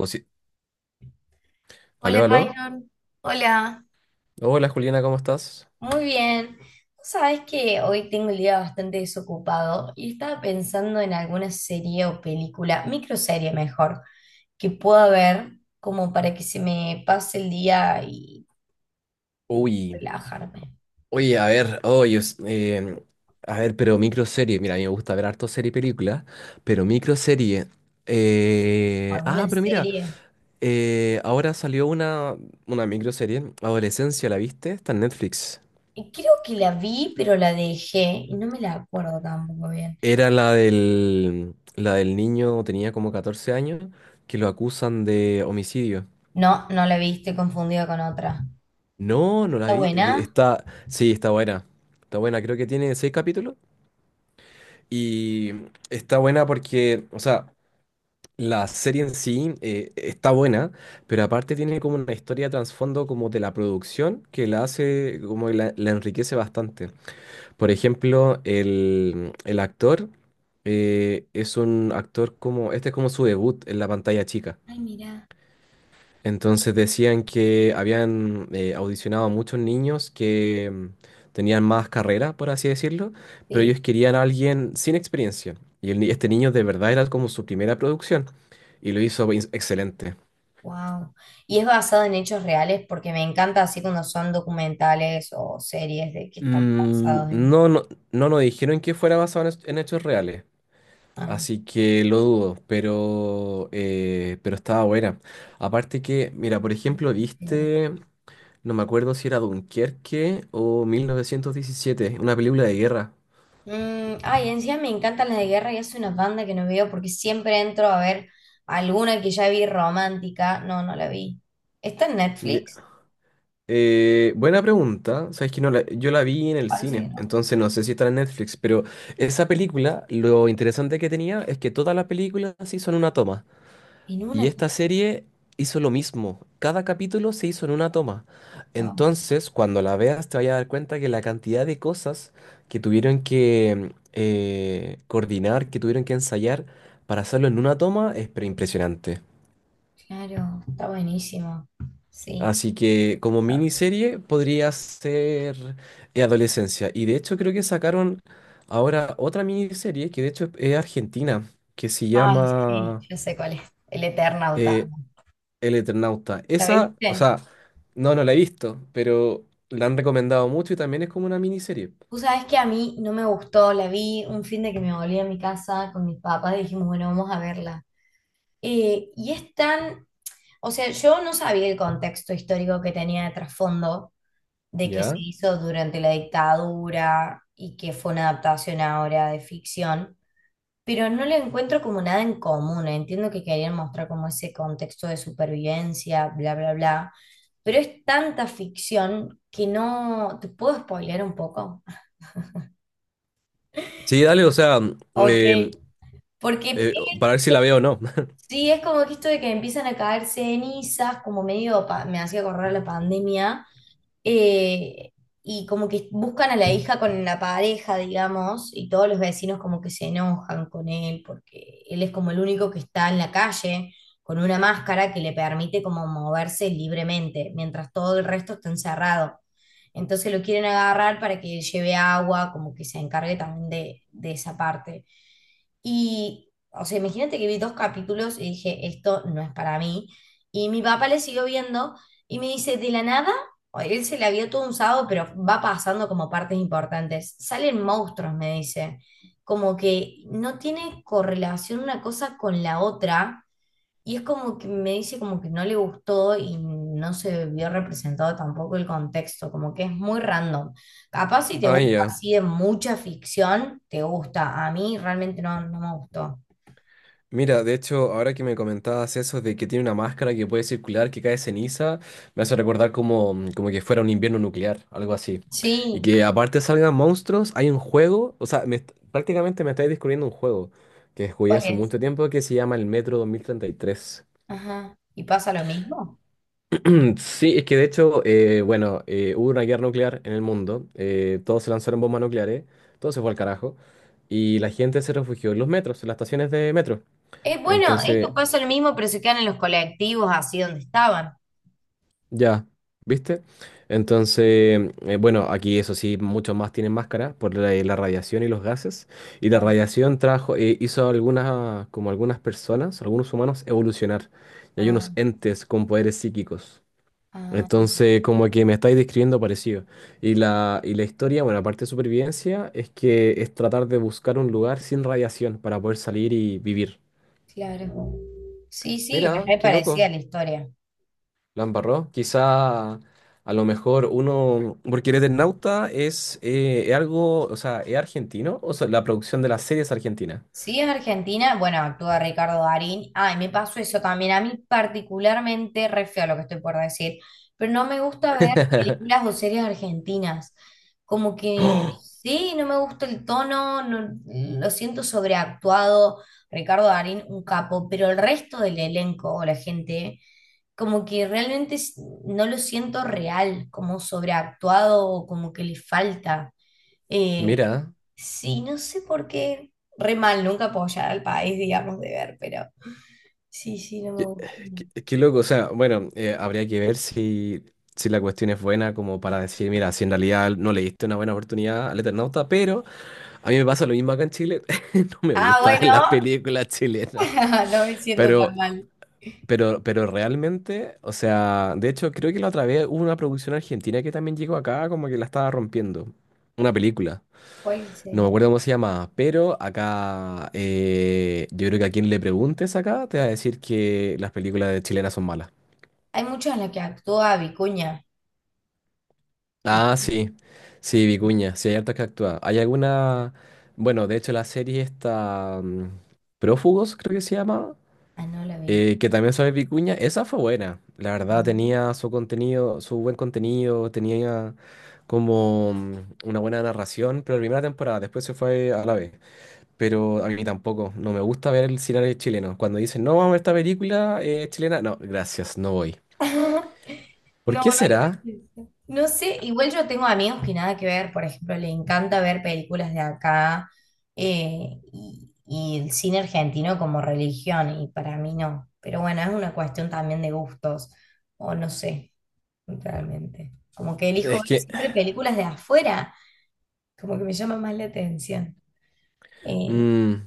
Posi- Hola, Aló, aló. Byron. Hola. Hola Juliana, ¿cómo estás? Muy bien. Vos sabés que hoy tengo el día bastante desocupado y estaba pensando en alguna serie o película, microserie mejor, que pueda ver como para que se me pase el día y Uy, relajarme. oye, a ver, oye, es- em, a ver, Pero microserie, mira, a mí me gusta ver harto serie y película, pero microserie. ¿O alguna Pero mira, serie? Ahora salió una microserie, Adolescencia, ¿la viste? Está en Netflix. Creo que la vi, pero la dejé y no me la acuerdo tampoco bien. Era la del niño, tenía como 14 años, que lo acusan de homicidio. No, no la vi, estoy confundida con otra. No, no la ¿Está vi, buena? está, sí, está buena, creo que tiene seis capítulos. Y está buena porque, o sea, la serie en sí está buena, pero aparte tiene como una historia de trasfondo como de la producción que la hace, como que la enriquece bastante. Por ejemplo, el actor es un actor como, este es como su debut en la pantalla chica. Ay, mira. Entonces decían que habían audicionado a muchos niños que tenían más carrera, por así decirlo, pero ellos querían a alguien sin experiencia. Y el ni- este niño de verdad era como su primera producción y lo hizo excelente. Wow. Y es basado en hechos reales porque me encanta así cuando son documentales o series de que están basados en. No, no, no nos dijeron que fuera basado en hechos reales, Ah, así que lo dudo, pero estaba buena. Aparte que, mira, por ejemplo, mira. ¿viste? No me acuerdo si era Dunkerque o 1917, una película de guerra. Mm, ay, encima me encantan las de guerra y es una banda que no veo porque siempre entro a ver alguna que ya vi romántica. No, no la vi. ¿Está en Ye- Netflix? Buena pregunta. Sabes que no la- yo la vi en el Parece que cine, no. entonces no sé si está en Netflix, pero esa película, lo interesante que tenía es que todas las películas sí son una toma. En Y una. esta serie hizo lo mismo. Cada capítulo se hizo en una toma. Wow, Entonces, cuando la veas, te vayas a dar cuenta que la cantidad de cosas que tuvieron que coordinar, que tuvieron que ensayar para hacerlo en una toma, es pero impresionante. claro, está buenísimo. Sí. Así que como miniserie podría ser Adolescencia. Y de hecho creo que sacaron ahora otra miniserie que de hecho es argentina, que se Ay, sí, llama yo sé cuál es. El Eternauta. eh, El Eternauta. ¿La Esa, o viste? sea, no, no la he visto, pero la han recomendado mucho y también es como una miniserie. Tú sabes que a mí no me gustó, la vi un fin de que me volví a mi casa con mis papás y dijimos, bueno, vamos a verla. Y es tan, o sea, yo no sabía el contexto histórico que tenía de trasfondo, de que se ¿Ya? hizo durante la dictadura y que fue una adaptación ahora de ficción, pero no le encuentro como nada en común. Entiendo que querían mostrar como ese contexto de supervivencia, bla, bla, bla, pero es tanta ficción que no, ¿te puedo spoilear un poco? Sí, dale, o sea, eh, Ok. Porque para ver si la veo o no. Sí, es como que esto de que empiezan a caer cenizas, como medio me hacía correr la pandemia, eh, y como que buscan a la hija con la pareja, digamos, y todos los vecinos como que se enojan con él, porque él es como el único que está en la calle con una máscara que le permite como moverse libremente, mientras todo el resto está encerrado. Entonces lo quieren agarrar para que lleve agua, como que se encargue también de esa parte. Y, o sea, imagínate que vi dos capítulos y dije, esto no es para mí. Y mi papá le siguió viendo y me dice, de la nada, él se la vio todo un sábado, pero va pasando como partes importantes. Salen monstruos, me dice. Como que no tiene correlación una cosa con la otra. Y es como que me dice como que no le gustó y no se vio representado tampoco el contexto, como que es muy random. Capaz si te Ah, gusta ya. así de mucha ficción, te gusta. A mí realmente no, no me gustó. Mira, de hecho, ahora que me comentabas eso de que tiene una máscara que puede circular, que cae ceniza, me hace recordar como, como que fuera un invierno nuclear, algo así. Y Sí, que aparte salgan monstruos, hay un juego, o sea, prácticamente me estáis descubriendo un juego que jugué ¿cuál hace es? mucho tiempo que se llama el Metro 2033. Ajá. ¿Y pasa lo mismo? Sí, es que de hecho, bueno, hubo una guerra nuclear en el mundo, todos se lanzaron bombas nucleares, todo se fue al carajo, y la gente se refugió en los metros, en las estaciones de metro. Es bueno, esto Entonces, pasa lo mismo, pero se quedan en los colectivos así donde estaban. ya, ¿viste? Entonces, bueno, aquí eso sí, muchos más tienen máscara por la, la radiación y los gases, y la Claro. radiación trajo, hizo algunas, como algunas personas, algunos humanos evolucionar, y hay Ah, unos entes con poderes psíquicos. ah, Entonces, como que me estáis describiendo parecido. Y la historia, bueno, aparte de supervivencia, es que es tratar de buscar un lugar sin radiación para poder salir y vivir. claro. Sí, sí, es Mira, re qué parecida loco, la historia. la embarró. Quizá a lo mejor uno, porque el Eternauta es algo, o sea, es argentino, o sea, la producción de la serie es argentina. Sí, es Argentina. Bueno, actúa Ricardo Darín. Ay, me pasó eso también. A mí particularmente, re feo lo que estoy por decir, pero no me gusta ver películas o series argentinas. Como que sí, no me gusta el tono, lo siento sobreactuado. Ricardo Darín, un capo, pero el resto del elenco o la gente, como que realmente no lo siento real, como sobreactuado, o como que le falta. Eh, Mira. sí, no sé por qué. Re mal, nunca apoyar al país, digamos, de ver, pero sí, sí, no me Qué, gusta. Qué loco, o sea, bueno, habría que ver si, si la cuestión es buena como para decir, mira, si en realidad no le diste una buena oportunidad al Eternauta, pero a mí me pasa lo mismo acá en Chile, no me Ah, gustan las bueno, películas chilenas, no me siento tan pero, mal. pero realmente, o sea, de hecho creo que la otra vez hubo una producción argentina que también llegó acá como que la estaba rompiendo, una película, ¿Cuál no me será? acuerdo cómo se llamaba, pero acá yo creo que a quien le preguntes acá te va a decir que las películas de chilenas son malas. Hay muchas en las que actúa Vicuña, Ah, ¿viste? sí, sí, Vicuña, sí, hay harta que actúa. Hay alguna, bueno, de hecho la serie está Prófugos, creo que se llama, Ah, no la vi. Que también sale Vicuña, esa fue buena, la verdad tenía su contenido, su buen contenido, tenía como una buena narración, pero la primera temporada, después se fue a la vez, pero a mí tampoco, no me gusta ver el cine chileno, cuando dicen, no, vamos a ver esta película chilena, no, gracias, no voy. Ajá. ¿Por No, no qué lo será? pienso. No sé, igual yo tengo amigos que nada que ver, por ejemplo, le encanta ver películas de acá y el cine argentino como religión, y para mí no. Pero bueno, es una cuestión también de gustos, o no sé, realmente. Como que elijo Es ver que, siempre películas de afuera, como que me llama más la atención. Eh, mm,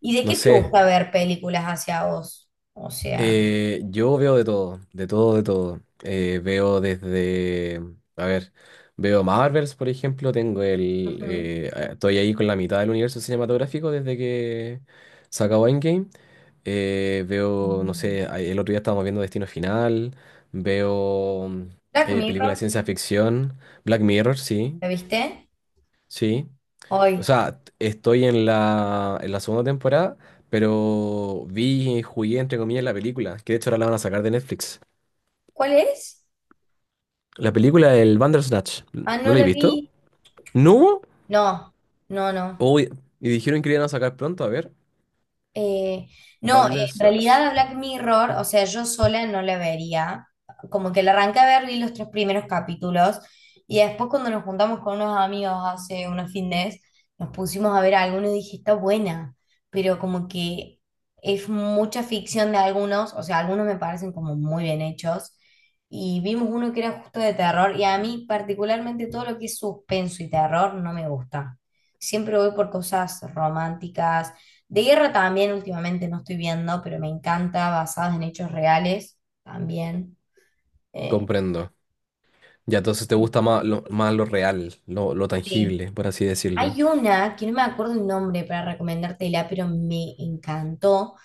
¿Y de no qué te sé. gusta ver películas hacia vos? O sea, Yo veo de todo, de todo, de todo. Veo desde, a ver, veo Marvels, por ejemplo, tengo el, ujú. Estoy ahí con la mitad del universo cinematográfico desde que se acabó Endgame. Veo, no sé, el otro día estábamos viendo Destino Final, veo Black películas de Mirror, ciencia ficción, Black Mirror, sí, ¿la viste? sí. O Hoy, sea, estoy en la segunda temporada, pero vi y jugué, entre comillas, la película, que de hecho ahora la van a sacar de Netflix. ¿cuál es? La película del Bandersnatch, Ah, ¿no no la he la vi. visto? ¿No hubo? No, no, no. Uy, y dijeron que la iban a sacar pronto, a ver. Eh, no, en Bandersnatch, realidad a Black Mirror, o sea, yo sola no la vería. Como que la arranqué a ver, vi los tres primeros capítulos y después cuando nos juntamos con unos amigos hace unos fines, nos pusimos a ver algunos y dije, está buena, pero como que es mucha ficción de algunos, o sea, algunos me parecen como muy bien hechos. Y vimos uno que era justo de terror y a mí particularmente todo lo que es suspenso y terror no me gusta. Siempre voy por cosas románticas de guerra también últimamente no estoy viendo, pero me encanta, basadas en hechos reales también. Eh, comprendo. Ya, entonces te gusta más lo real, lo sí. tangible, por así decirlo. Hay una que no me acuerdo el nombre para recomendártela, pero me encantó,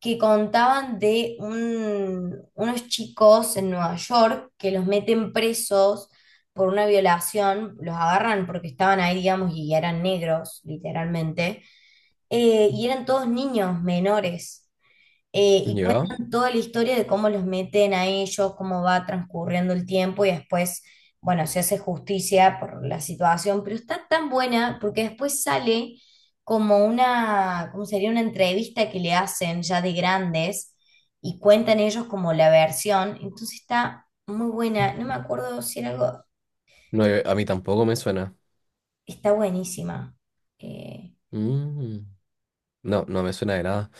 que contaban de unos chicos en Nueva York que los meten presos por una violación, los agarran porque estaban ahí, digamos, y eran negros, literalmente, y eran todos niños menores. Y ¿Ya? cuentan toda la historia de cómo los meten a ellos, cómo va transcurriendo el tiempo y después bueno, se hace justicia por la situación, pero está tan buena porque después sale como una, ¿cómo sería? Una entrevista que le hacen ya de grandes y cuentan ellos como la versión. Entonces está muy buena. No me acuerdo si era algo, No, a mí tampoco me suena. está buenísima. Eh, Mm. No, no me suena de nada.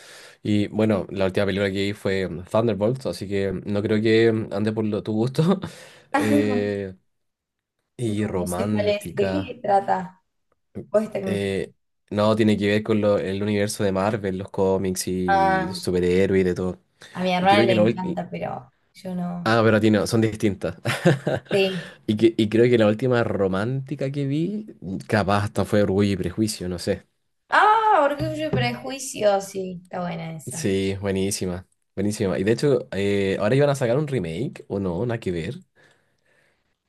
Y bueno, la última película que vi fue Thunderbolts, así que no creo que ande por tu gusto. no, Eh, y no sé cuál es. ¿De romántica. qué trata? Vos esta que me estás- eh, no, tiene que ver con el universo de Marvel, los cómics y Ah, superhéroes y de todo. a mi Y hermana creo le que la última... encanta, pero yo no. Ah, pero a ti no, son distintas. Sí. Y, y creo que la última romántica que vi, capaz hasta fue Orgullo y Prejuicio, no sé. Ah, Orgullo y Prejuicio, sí, está buena esa. Sí, buenísima, buenísima. Y de hecho, ahora iban a sacar un remake, o no, nada que ver.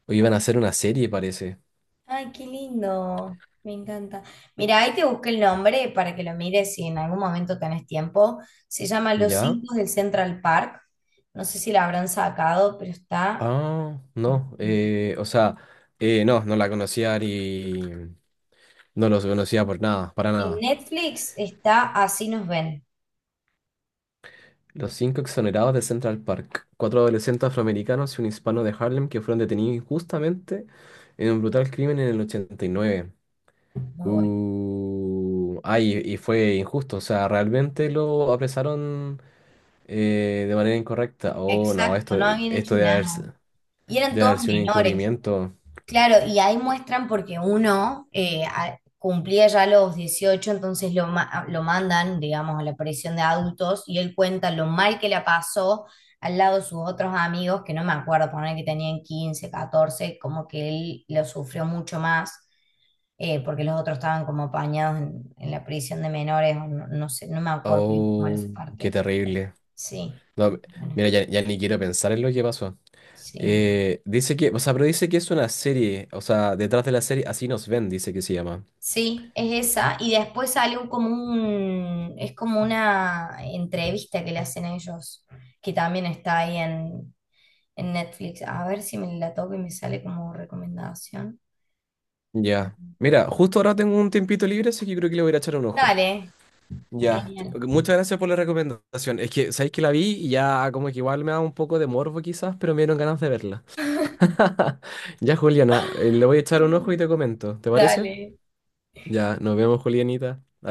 O iban a hacer una serie, parece. Ay, qué lindo. Me encanta. Mira, ahí te busqué el nombre para que lo mires si en algún momento tenés tiempo. Se llama Los ¿Ya? Cinco del Central Park. No sé si la habrán sacado, pero está... Ah, no. O sea, no, no la conocía y no los conocía por nada, para En nada. Netflix está Así Nos Ven. Los cinco exonerados de Central Park. Cuatro adolescentes afroamericanos y un hispano de Harlem que fueron detenidos injustamente en un brutal crimen en el 89. Muy bueno. Ay, y fue injusto. O sea, realmente lo apresaron de manera incorrecta. Oh, no, Exacto, esto, no habían hecho esto debe haber, s- nada. Y eran debe todos haber sido un menores. encubrimiento. Claro, y ahí muestran porque uno cumplía ya los 18, entonces lo mandan, digamos, a la prisión de adultos y él cuenta lo mal que la pasó al lado de sus otros amigos, que no me acuerdo, poner que tenían 15, 14, como que él lo sufrió mucho más, porque los otros estaban como apañados en la prisión de menores, o no, no sé, no me acuerdo bien cómo era esa Oh, qué parte. Pero terrible. sí, No, bueno, mira, ya, ya ni quiero pensar en lo que pasó. sí. Dice que, o sea, pero dice que es una serie, o sea, detrás de la serie, así nos ven, dice que se llama. Sí, es esa. Y después sale un, como un, es como una entrevista que le hacen a ellos, que también está ahí en Netflix. A ver si me la toco y me sale como recomendación. Ya. Mira, justo ahora tengo un tiempito libre, así que creo que le voy a ir a echar un ojo. Dale, Ya, genial. ok, muchas gracias por la recomendación. Es que, sabéis que la vi y ya como que igual me da un poco de morbo quizás, pero me dieron ganas de verla. Ya, Juliana, le voy a echar un ojo y te comento, ¿te parece? Dale. Ya, nos vemos, Julianita.